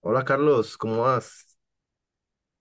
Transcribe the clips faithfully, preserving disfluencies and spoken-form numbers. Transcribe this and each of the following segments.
Hola Carlos, ¿cómo vas?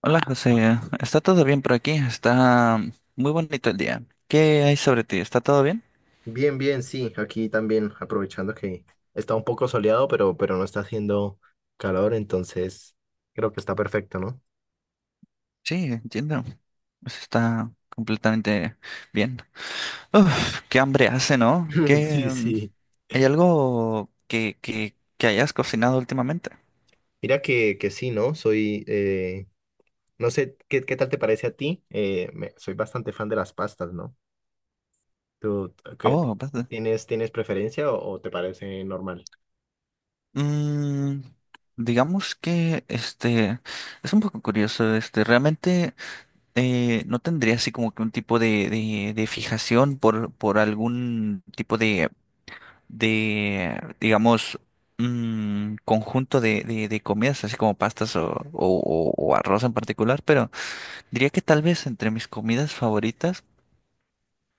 Hola José, ¿está todo bien por aquí? Está muy bonito el día. ¿Qué hay sobre ti? ¿Está todo bien? Bien, bien, sí, aquí también aprovechando que está un poco soleado, pero, pero no está haciendo calor, entonces creo que está perfecto, ¿no? Sí, entiendo. Pues está completamente bien. Uf, qué hambre hace, ¿no? ¿Qué, Sí, mm, sí. hay algo que, que, que hayas cocinado últimamente? Mira que, que sí, ¿no? Soy, eh, no sé, ¿qué, qué tal te parece a ti? Eh, me- soy bastante fan de las pastas, ¿no? ¿Tú qué, Oh, ¿verdad? tienes, tienes preferencia o, o te parece normal? Mm, digamos que este es un poco curioso. Este, realmente eh, no tendría así como que un tipo de, de, de fijación por, por algún tipo de de, digamos, un conjunto de, de, de comidas, así como pastas o, o- o- o arroz en particular, pero diría que tal vez entre mis comidas favoritas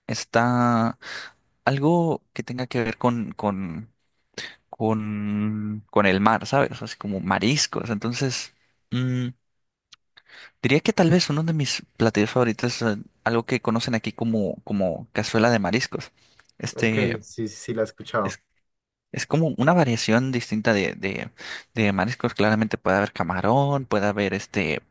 está algo que tenga que ver con, con, con, con el mar, ¿sabes? Así como mariscos. Entonces, mm, diría que tal vez uno de mis platillos favoritos es eh, algo que conocen aquí como, como cazuela de mariscos. Ok, Este. sí, sí, sí, la he escuchado. Es como una variación distinta de, de, de mariscos. Claramente puede haber camarón, puede haber este,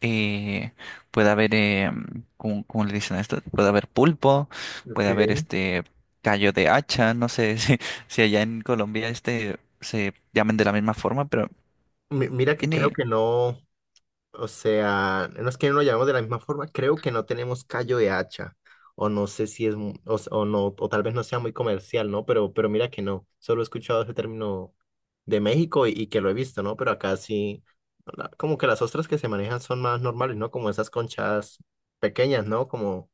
eh, puede haber, eh, ¿cómo, cómo le dicen a esto? Puede haber pulpo, Ok. puede haber este callo de hacha. No sé si, si allá en Colombia este se llamen de la misma forma, pero Mi- Mira que creo tiene, que no. O sea, no es que no lo llamemos de la misma forma, creo que no tenemos callo de hacha, o no sé si es, mu- o, s- o no, o tal vez no sea muy comercial, ¿no? Pero, pero mira que no, solo he escuchado ese término de México y, y que lo he visto, ¿no? Pero acá sí, la- como que las ostras que se manejan son más normales, ¿no? Como esas conchas pequeñas, ¿no? Como,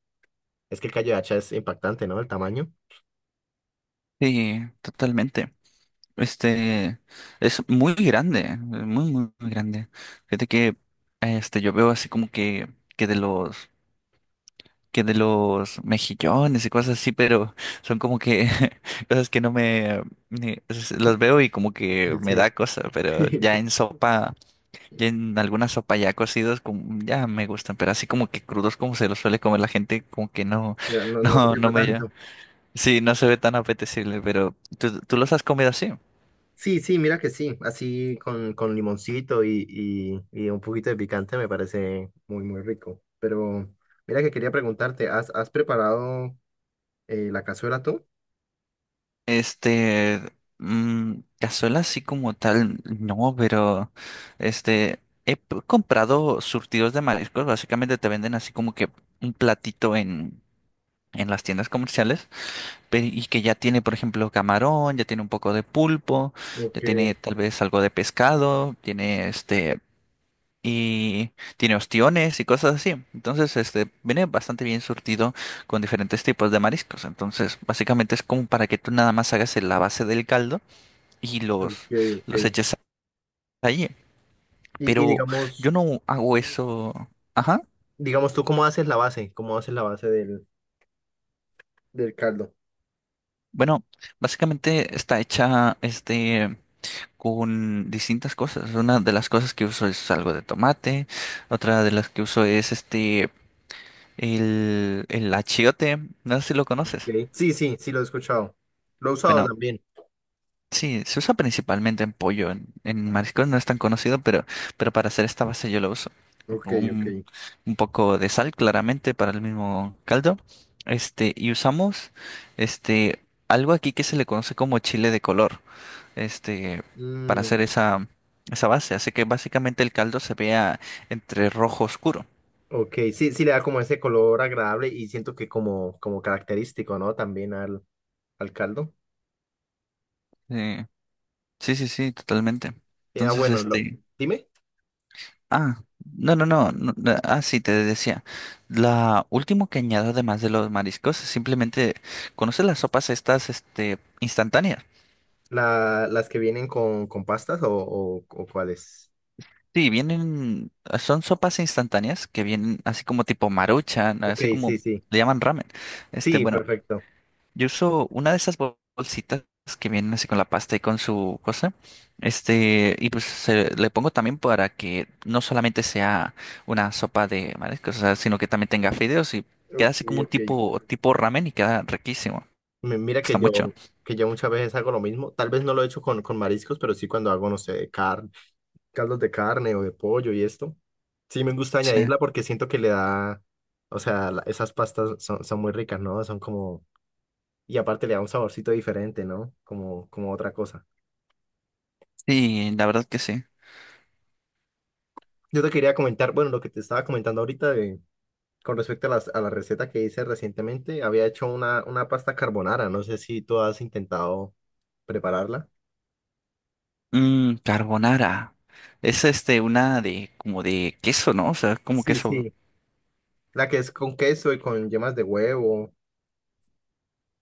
es que el callo de hacha es impactante, ¿no? El tamaño. sí, totalmente. Este es muy grande, muy, muy, muy grande. Fíjate que este yo veo así como que, que de los que de los mejillones y cosas así, pero son como que cosas que no me, ni- es- las veo y como que me Sí. da cosa, pero ya en sopa, ya en alguna sopa ya cocidos, como, ya me gustan, pero así como que crudos como se los suele comer la gente, como que no, Ya, no, no te no, no llama me ya. tanto. Sí, no se ve tan apetecible, pero ¿tú, tú los has comido así? Sí, sí, mira que sí, así con, con limoncito y, y, y un poquito de picante me parece muy, muy rico. Pero mira que quería preguntarte, ¿has, has preparado eh, la cazuela tú? Este, mm, cazuela así como tal, no, pero este, he p- comprado surtidos de mariscos. Básicamente te venden así como que un platito en, en las tiendas comerciales, pe- y que ya tiene, por ejemplo, camarón, ya tiene un poco de pulpo, ya Ok, tiene tal vez algo de pescado, tiene este y tiene ostiones y cosas así. Entonces, este, viene bastante bien surtido con diferentes tipos de mariscos. Entonces, básicamente es como para que tú nada más hagas la base del caldo y ok, los, los ok. eches allí. Y, y Pero yo digamos, no hago eso. Ajá. digamos tú, ¿cómo haces la base? ¿Cómo haces la base del, del caldo? Bueno, básicamente está hecha este con distintas cosas. Una de las cosas que uso es algo de tomate, otra de las que uso es este el, el achiote. No sé si lo conoces. Ok. Sí, sí, sí, lo he escuchado. Lo he usado Bueno, también. sí, se usa principalmente en pollo. En, en mariscos no es tan conocido, pero, pero para hacer esta base yo lo uso. Ok, ok. Un, un poco de sal, claramente, para el mismo caldo. Este, y usamos este, algo aquí que se le conoce como chile de color, este, para hacer Mm, esa, esa base. Hace que básicamente el caldo se vea entre rojo oscuro. ok, sí, sí le da como ese color agradable y siento que como, como característico, ¿no? También al, al caldo. Eh, sí, sí, sí, totalmente. Eh, ah, Entonces, bueno, lo- este. Dime, Ah, no, no, no, no, no, ah, sí, te decía. La último que añado además de los mariscos es simplemente, conoces las sopas estas, este, instantáneas. la- las que vienen con, con pastas o, o, o cuáles. Sí, vienen, son sopas instantáneas que vienen así como tipo Maruchan, Ok, así como sí, sí. le llaman ramen. Este, Sí, bueno, perfecto. Yo uso una de esas bol- bolsitas que vienen así con la pasta y con su cosa. Este, y pues se- le pongo también para que no solamente sea una sopa de mariscos, o sea, sino que también tenga fideos y queda Ok, así como un ok. tipo, tipo ramen, y queda riquísimo. Mi- Mira Gusta que yo, mucho. que yo muchas veces hago lo mismo. Tal vez no lo he hecho con, con mariscos, pero sí cuando hago, no sé, de carne, caldos de carne o de pollo y esto. Sí, me gusta Sí. añadirla porque siento que le da, o sea, la- esas pastas son, son muy ricas, ¿no? Son como, y aparte le da un saborcito diferente, ¿no? Como, como otra cosa. Sí, la verdad que sí. Yo te quería comentar, bueno, lo que te estaba comentando ahorita de con respecto a, las, a la receta que hice recientemente, había hecho una, una pasta carbonara. No sé si tú has intentado prepararla. Mm, carbonara. Es este, una de, como de queso, ¿no? O sea, como Sí, queso. sí. La que es con queso y con yemas de huevo,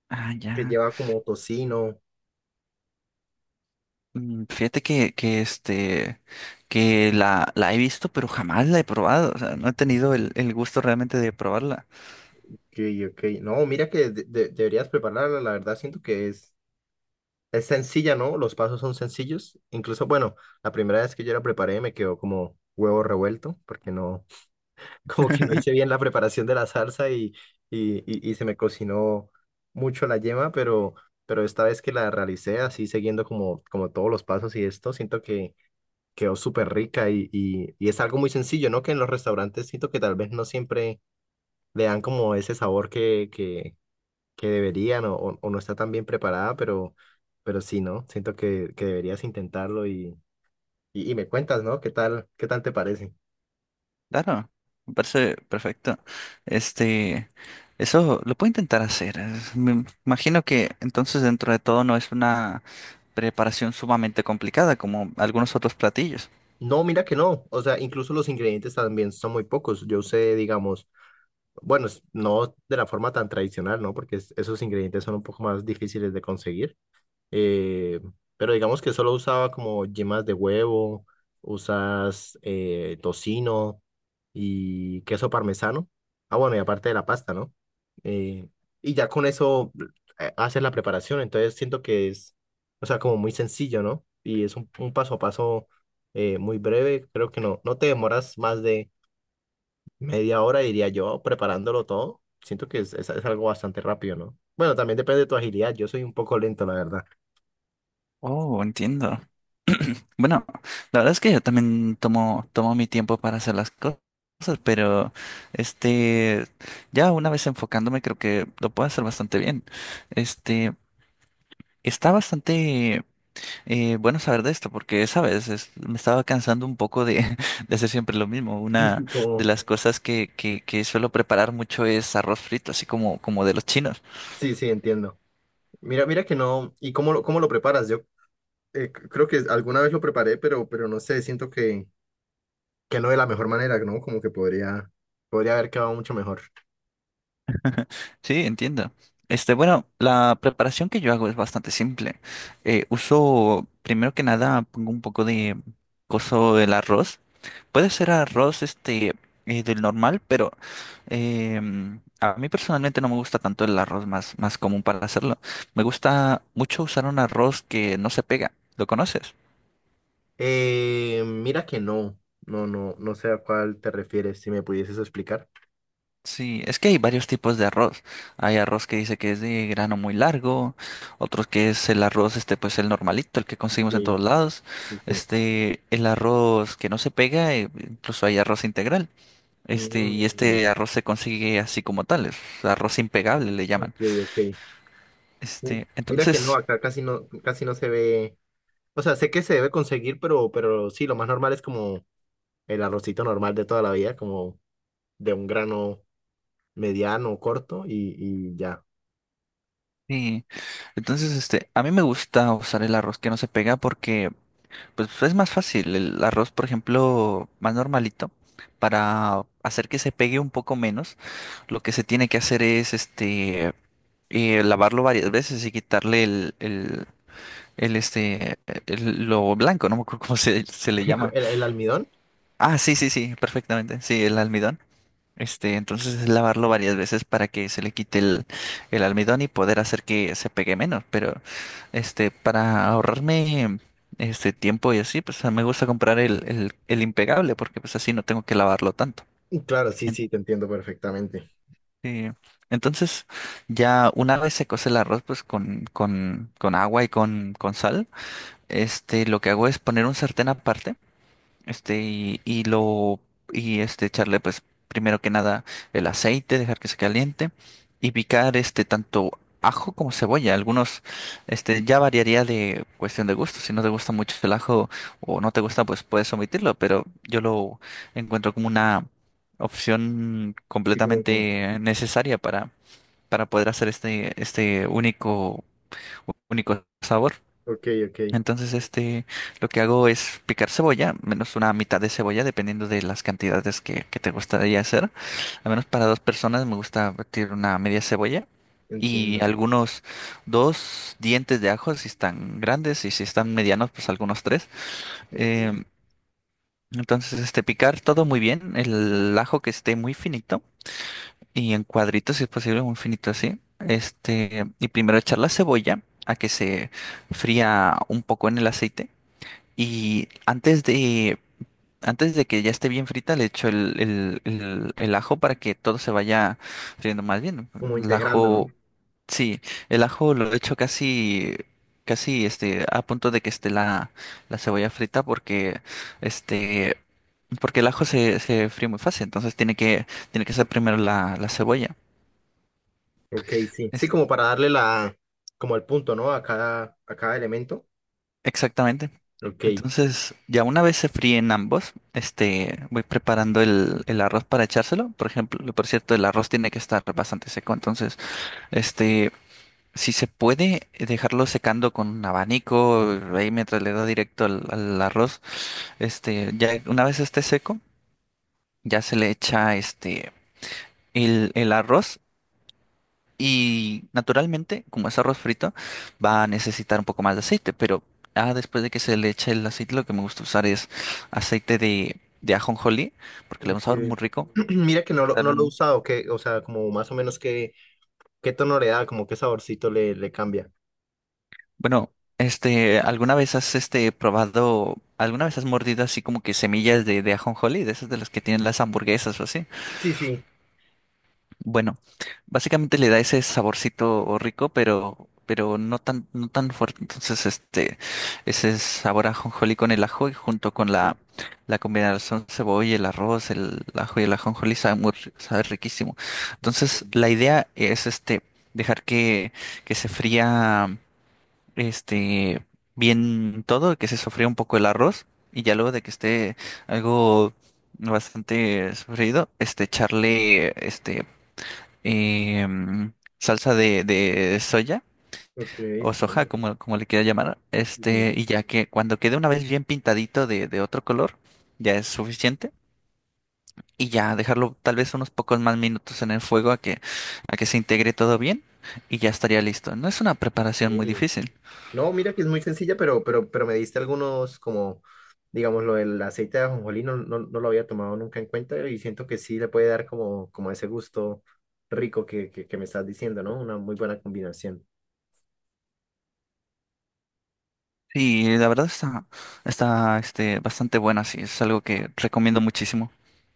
Ah, que ya. lleva como tocino. Mm, fíjate que, que este que la, la he visto, pero jamás la he probado. O sea, no he tenido el, el gusto realmente de probarla. Que, que, no, mira que de- de- deberías prepararla. La verdad, siento que es, es sencilla, ¿no? Los pasos son sencillos. Incluso, bueno, la primera vez que yo la preparé me quedó como huevo revuelto, porque no, como que no hice bien la preparación de la salsa y, y, y, y se me cocinó mucho la yema, pero, pero esta vez que la realicé así siguiendo como, como todos los pasos y esto, siento que quedó súper rica y, y, y es algo muy sencillo, ¿no? Que en los restaurantes siento que tal vez no siempre le dan como ese sabor que, que, que deberían o, o o no está tan bien preparada, pero, pero sí, ¿no? Siento que, que deberías intentarlo y, y, y me cuentas, ¿no? ¿Qué tal, qué tal te parece? Claro, me parece perfecto. Este, eso lo puedo intentar hacer. Es- Me imagino que entonces dentro de todo no es una preparación sumamente complicada como algunos otros platillos. No, mira que no. O sea, incluso los ingredientes también son muy pocos. Yo usé, digamos, bueno, es- no de la forma tan tradicional, ¿no? Porque es- esos ingredientes son un poco más difíciles de conseguir, eh, pero digamos que solo usaba como yemas de huevo, usas eh, tocino y queso parmesano. Ah, bueno, y aparte de la pasta, ¿no? Eh, y ya con eso eh, haces la preparación, entonces siento que es, o sea, como muy sencillo, ¿no? Y es un, un paso a paso, eh, muy breve, creo que no, no te demoras más de media hora, diría yo, preparándolo todo. Siento que es, es- es algo bastante rápido, ¿no? Bueno, también depende de tu agilidad, yo soy un poco lento, la verdad. Oh, entiendo. Bueno, la verdad es que yo también tomo, tomo mi tiempo para hacer las co- cosas, pero este, ya una vez enfocándome, creo que lo puedo hacer bastante bien. Este, está bastante eh, bueno saber de esto, porque, sabes, Es- me estaba cansando un poco de, de hacer siempre lo mismo. Una de Como, las cosas que, que, que suelo preparar mucho es arroz frito, así como, como de los chinos. sí, sí, entiendo. Mira, mira que no. ¿Y cómo lo, cómo lo preparas? Yo eh, c- creo que alguna vez lo preparé, pero, pero no sé, siento que, que no de la mejor manera, ¿no? Como que podría, podría haber quedado mucho mejor. Sí, entiendo. Este, bueno, la preparación que yo hago es bastante simple. Eh, uso, primero que nada, pongo un poco de coso del arroz. Puede ser arroz, este, eh, del normal, pero em, a mí personalmente no me gusta tanto el arroz más, más común para hacerlo. Me gusta mucho usar un arroz que no se pega. ¿Lo conoces? Eh, mira que no. No, no, no sé a cuál te refieres, si me pudieses explicar. Sí, es que hay varios tipos de arroz. Hay arroz que dice que es de grano muy largo, otros que es el arroz, este, pues el normalito, el que conseguimos Ok, en todos lados. sí, sí. Este, el arroz que no se pega, eh, incluso hay arroz integral. Este, y Mm, este arroz se consigue así como tal, es arroz impegable, le llaman. ok, ok. Mi- Este, Mira que no, entonces, acá casi no, casi no se ve. O sea, sé que se debe conseguir, pero, pero sí, lo más normal es como el arrocito normal de toda la vida, como de un grano mediano, corto y, y ya. sí, entonces, este, a mí me gusta usar el arroz que no se pega porque, pues, es más fácil. El arroz, por ejemplo, más normalito, para hacer que se pegue un poco menos, lo que se tiene que hacer es este eh, lavarlo varias veces y quitarle el, el, el, este el- lo blanco. No me acuerdo cómo se, se le llama. ¿El, el almidón? Ah, sí, sí, sí, perfectamente. Sí, el almidón. Este, entonces es lavarlo varias veces para que se le quite el, el almidón y poder hacer que se pegue menos. Pero este, para ahorrarme este tiempo y así, pues me gusta comprar el, el, el impegable, porque pues así no tengo que lavarlo tanto. Mm, claro, sí, sí, te entiendo perfectamente. Sí. Entonces, ya una vez se cose el arroz, pues con, con, con agua y con, con sal, este, lo que hago es poner un sartén aparte, este, y, y lo, y este, echarle, pues, primero que nada, el aceite, dejar que se caliente y picar, este, tanto ajo como cebolla. Algunos, este, ya variaría de cuestión de gusto. Si no te gusta mucho el ajo o no te gusta, pues puedes omitirlo, pero yo lo encuentro como una opción Sí, como, completamente necesaria para, para poder hacer este, este único, único sabor. ok, ok, Entonces, este, lo que hago es picar cebolla, menos una mitad de cebolla, dependiendo de las cantidades que, que te gustaría hacer. Al menos para dos personas me gusta batir una media cebolla y entiendo. algunos dos dientes de ajo si están grandes, y si están medianos, pues algunos tres. Ok. Em, entonces, este, picar todo muy bien, el ajo que esté muy finito y en cuadritos, si es posible, muy finito así. Este, y primero echar la cebolla a que se fría un poco en el aceite. Y antes de, antes de que ya esté bien frita, le echo el, el, el, el ajo para que todo se vaya friendo más bien. Como El integrando, ¿no? ajo, sí, el ajo lo echo casi, casi este, a punto de que esté la, la cebolla frita porque este, porque el ajo se, se fríe muy fácil, entonces tiene que, tiene que ser primero la, la cebolla. Ok, sí. Sí, como para darle la, como el punto, ¿no? A cada, a cada elemento. Exactamente. Ok. Entonces, ya una vez se fríen ambos, este, voy preparando el, el arroz para echárselo. Por ejemplo, por cierto, el arroz tiene que estar bastante seco. Entonces, este, si se puede eh, dejarlo secando con un abanico, ahí mientras le da directo al, al arroz. este, ya una vez esté seco, ya se le echa este el, el arroz. Y naturalmente, como es arroz frito, va a necesitar un poco más de aceite, pero ah, después de que se le eche el aceite, lo que me gusta usar es aceite de, de ajonjolí, porque le da un sabor muy Ok. rico. Mira que no lo, no Claro, lo he ¿no? usado, que, o sea, como más o menos qué, qué tono le da, como qué saborcito le, le cambia. Bueno, este, ¿alguna vez has este probado, alguna vez has mordido así como que semillas de, de ajonjolí, de esas de las que tienen las hamburguesas o así? Sí, sí. Bueno, básicamente le da ese saborcito rico, pero, pero no tan, no tan fuerte. Entonces, este, ese sabor a ajonjolí con el ajo y junto con Ok, la, la combinación cebolla, el arroz, el ajo y el ajonjolí sabe muy, ri- sabe riquísimo. ok, Entonces, la idea es este, dejar que, que se fría, este, bien todo, que se sofría un poco el arroz y ya luego de que esté algo bastante sofrido, este, echarle, este, em, salsa de, de soya ok, o sí, ¿no? soja, como, como le quiera llamar. Ok, Este, y ya que cuando quede una vez bien pintadito de, de otro color, ya es suficiente. Y ya dejarlo tal vez unos pocos más minutos en el fuego a que, a que se integre todo bien y ya estaría listo. No es una preparación muy ok. difícil. No, mira que es muy sencilla, pero, pero, pero me diste algunos como, digamos, lo del aceite de ajonjolí, no, no, no lo había tomado nunca en cuenta y siento que sí le puede dar como, como ese gusto rico que, que, que me estás diciendo, ¿no? Una muy buena combinación. Sí, la verdad está, está este, bastante buena, sí, es algo que recomiendo muchísimo.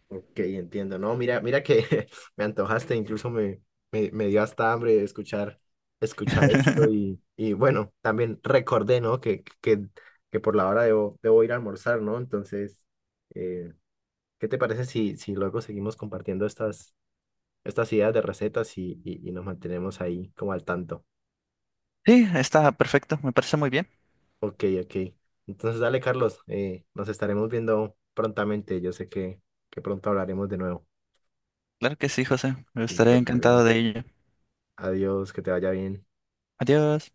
Ok, entiendo, ¿no? Mira, mira que me antojaste, incluso me, me, me dio hasta hambre escuchar, escuchar esto y, y bueno, también recordé, ¿no? Que, que, que por la hora debo, debo ir a almorzar, ¿no? Entonces, eh, ¿qué te parece si, si luego seguimos compartiendo estas estas ideas de recetas y, y, y nos mantenemos ahí como al tanto? Sí, está perfecto, me parece muy bien. Ok, ok. Entonces, dale, Carlos, eh, nos estaremos viendo prontamente. Yo sé que, que pronto hablaremos de nuevo. Claro que sí, José, Listo, estaré dale. encantado de ello. Adiós, que te vaya bien. Adiós.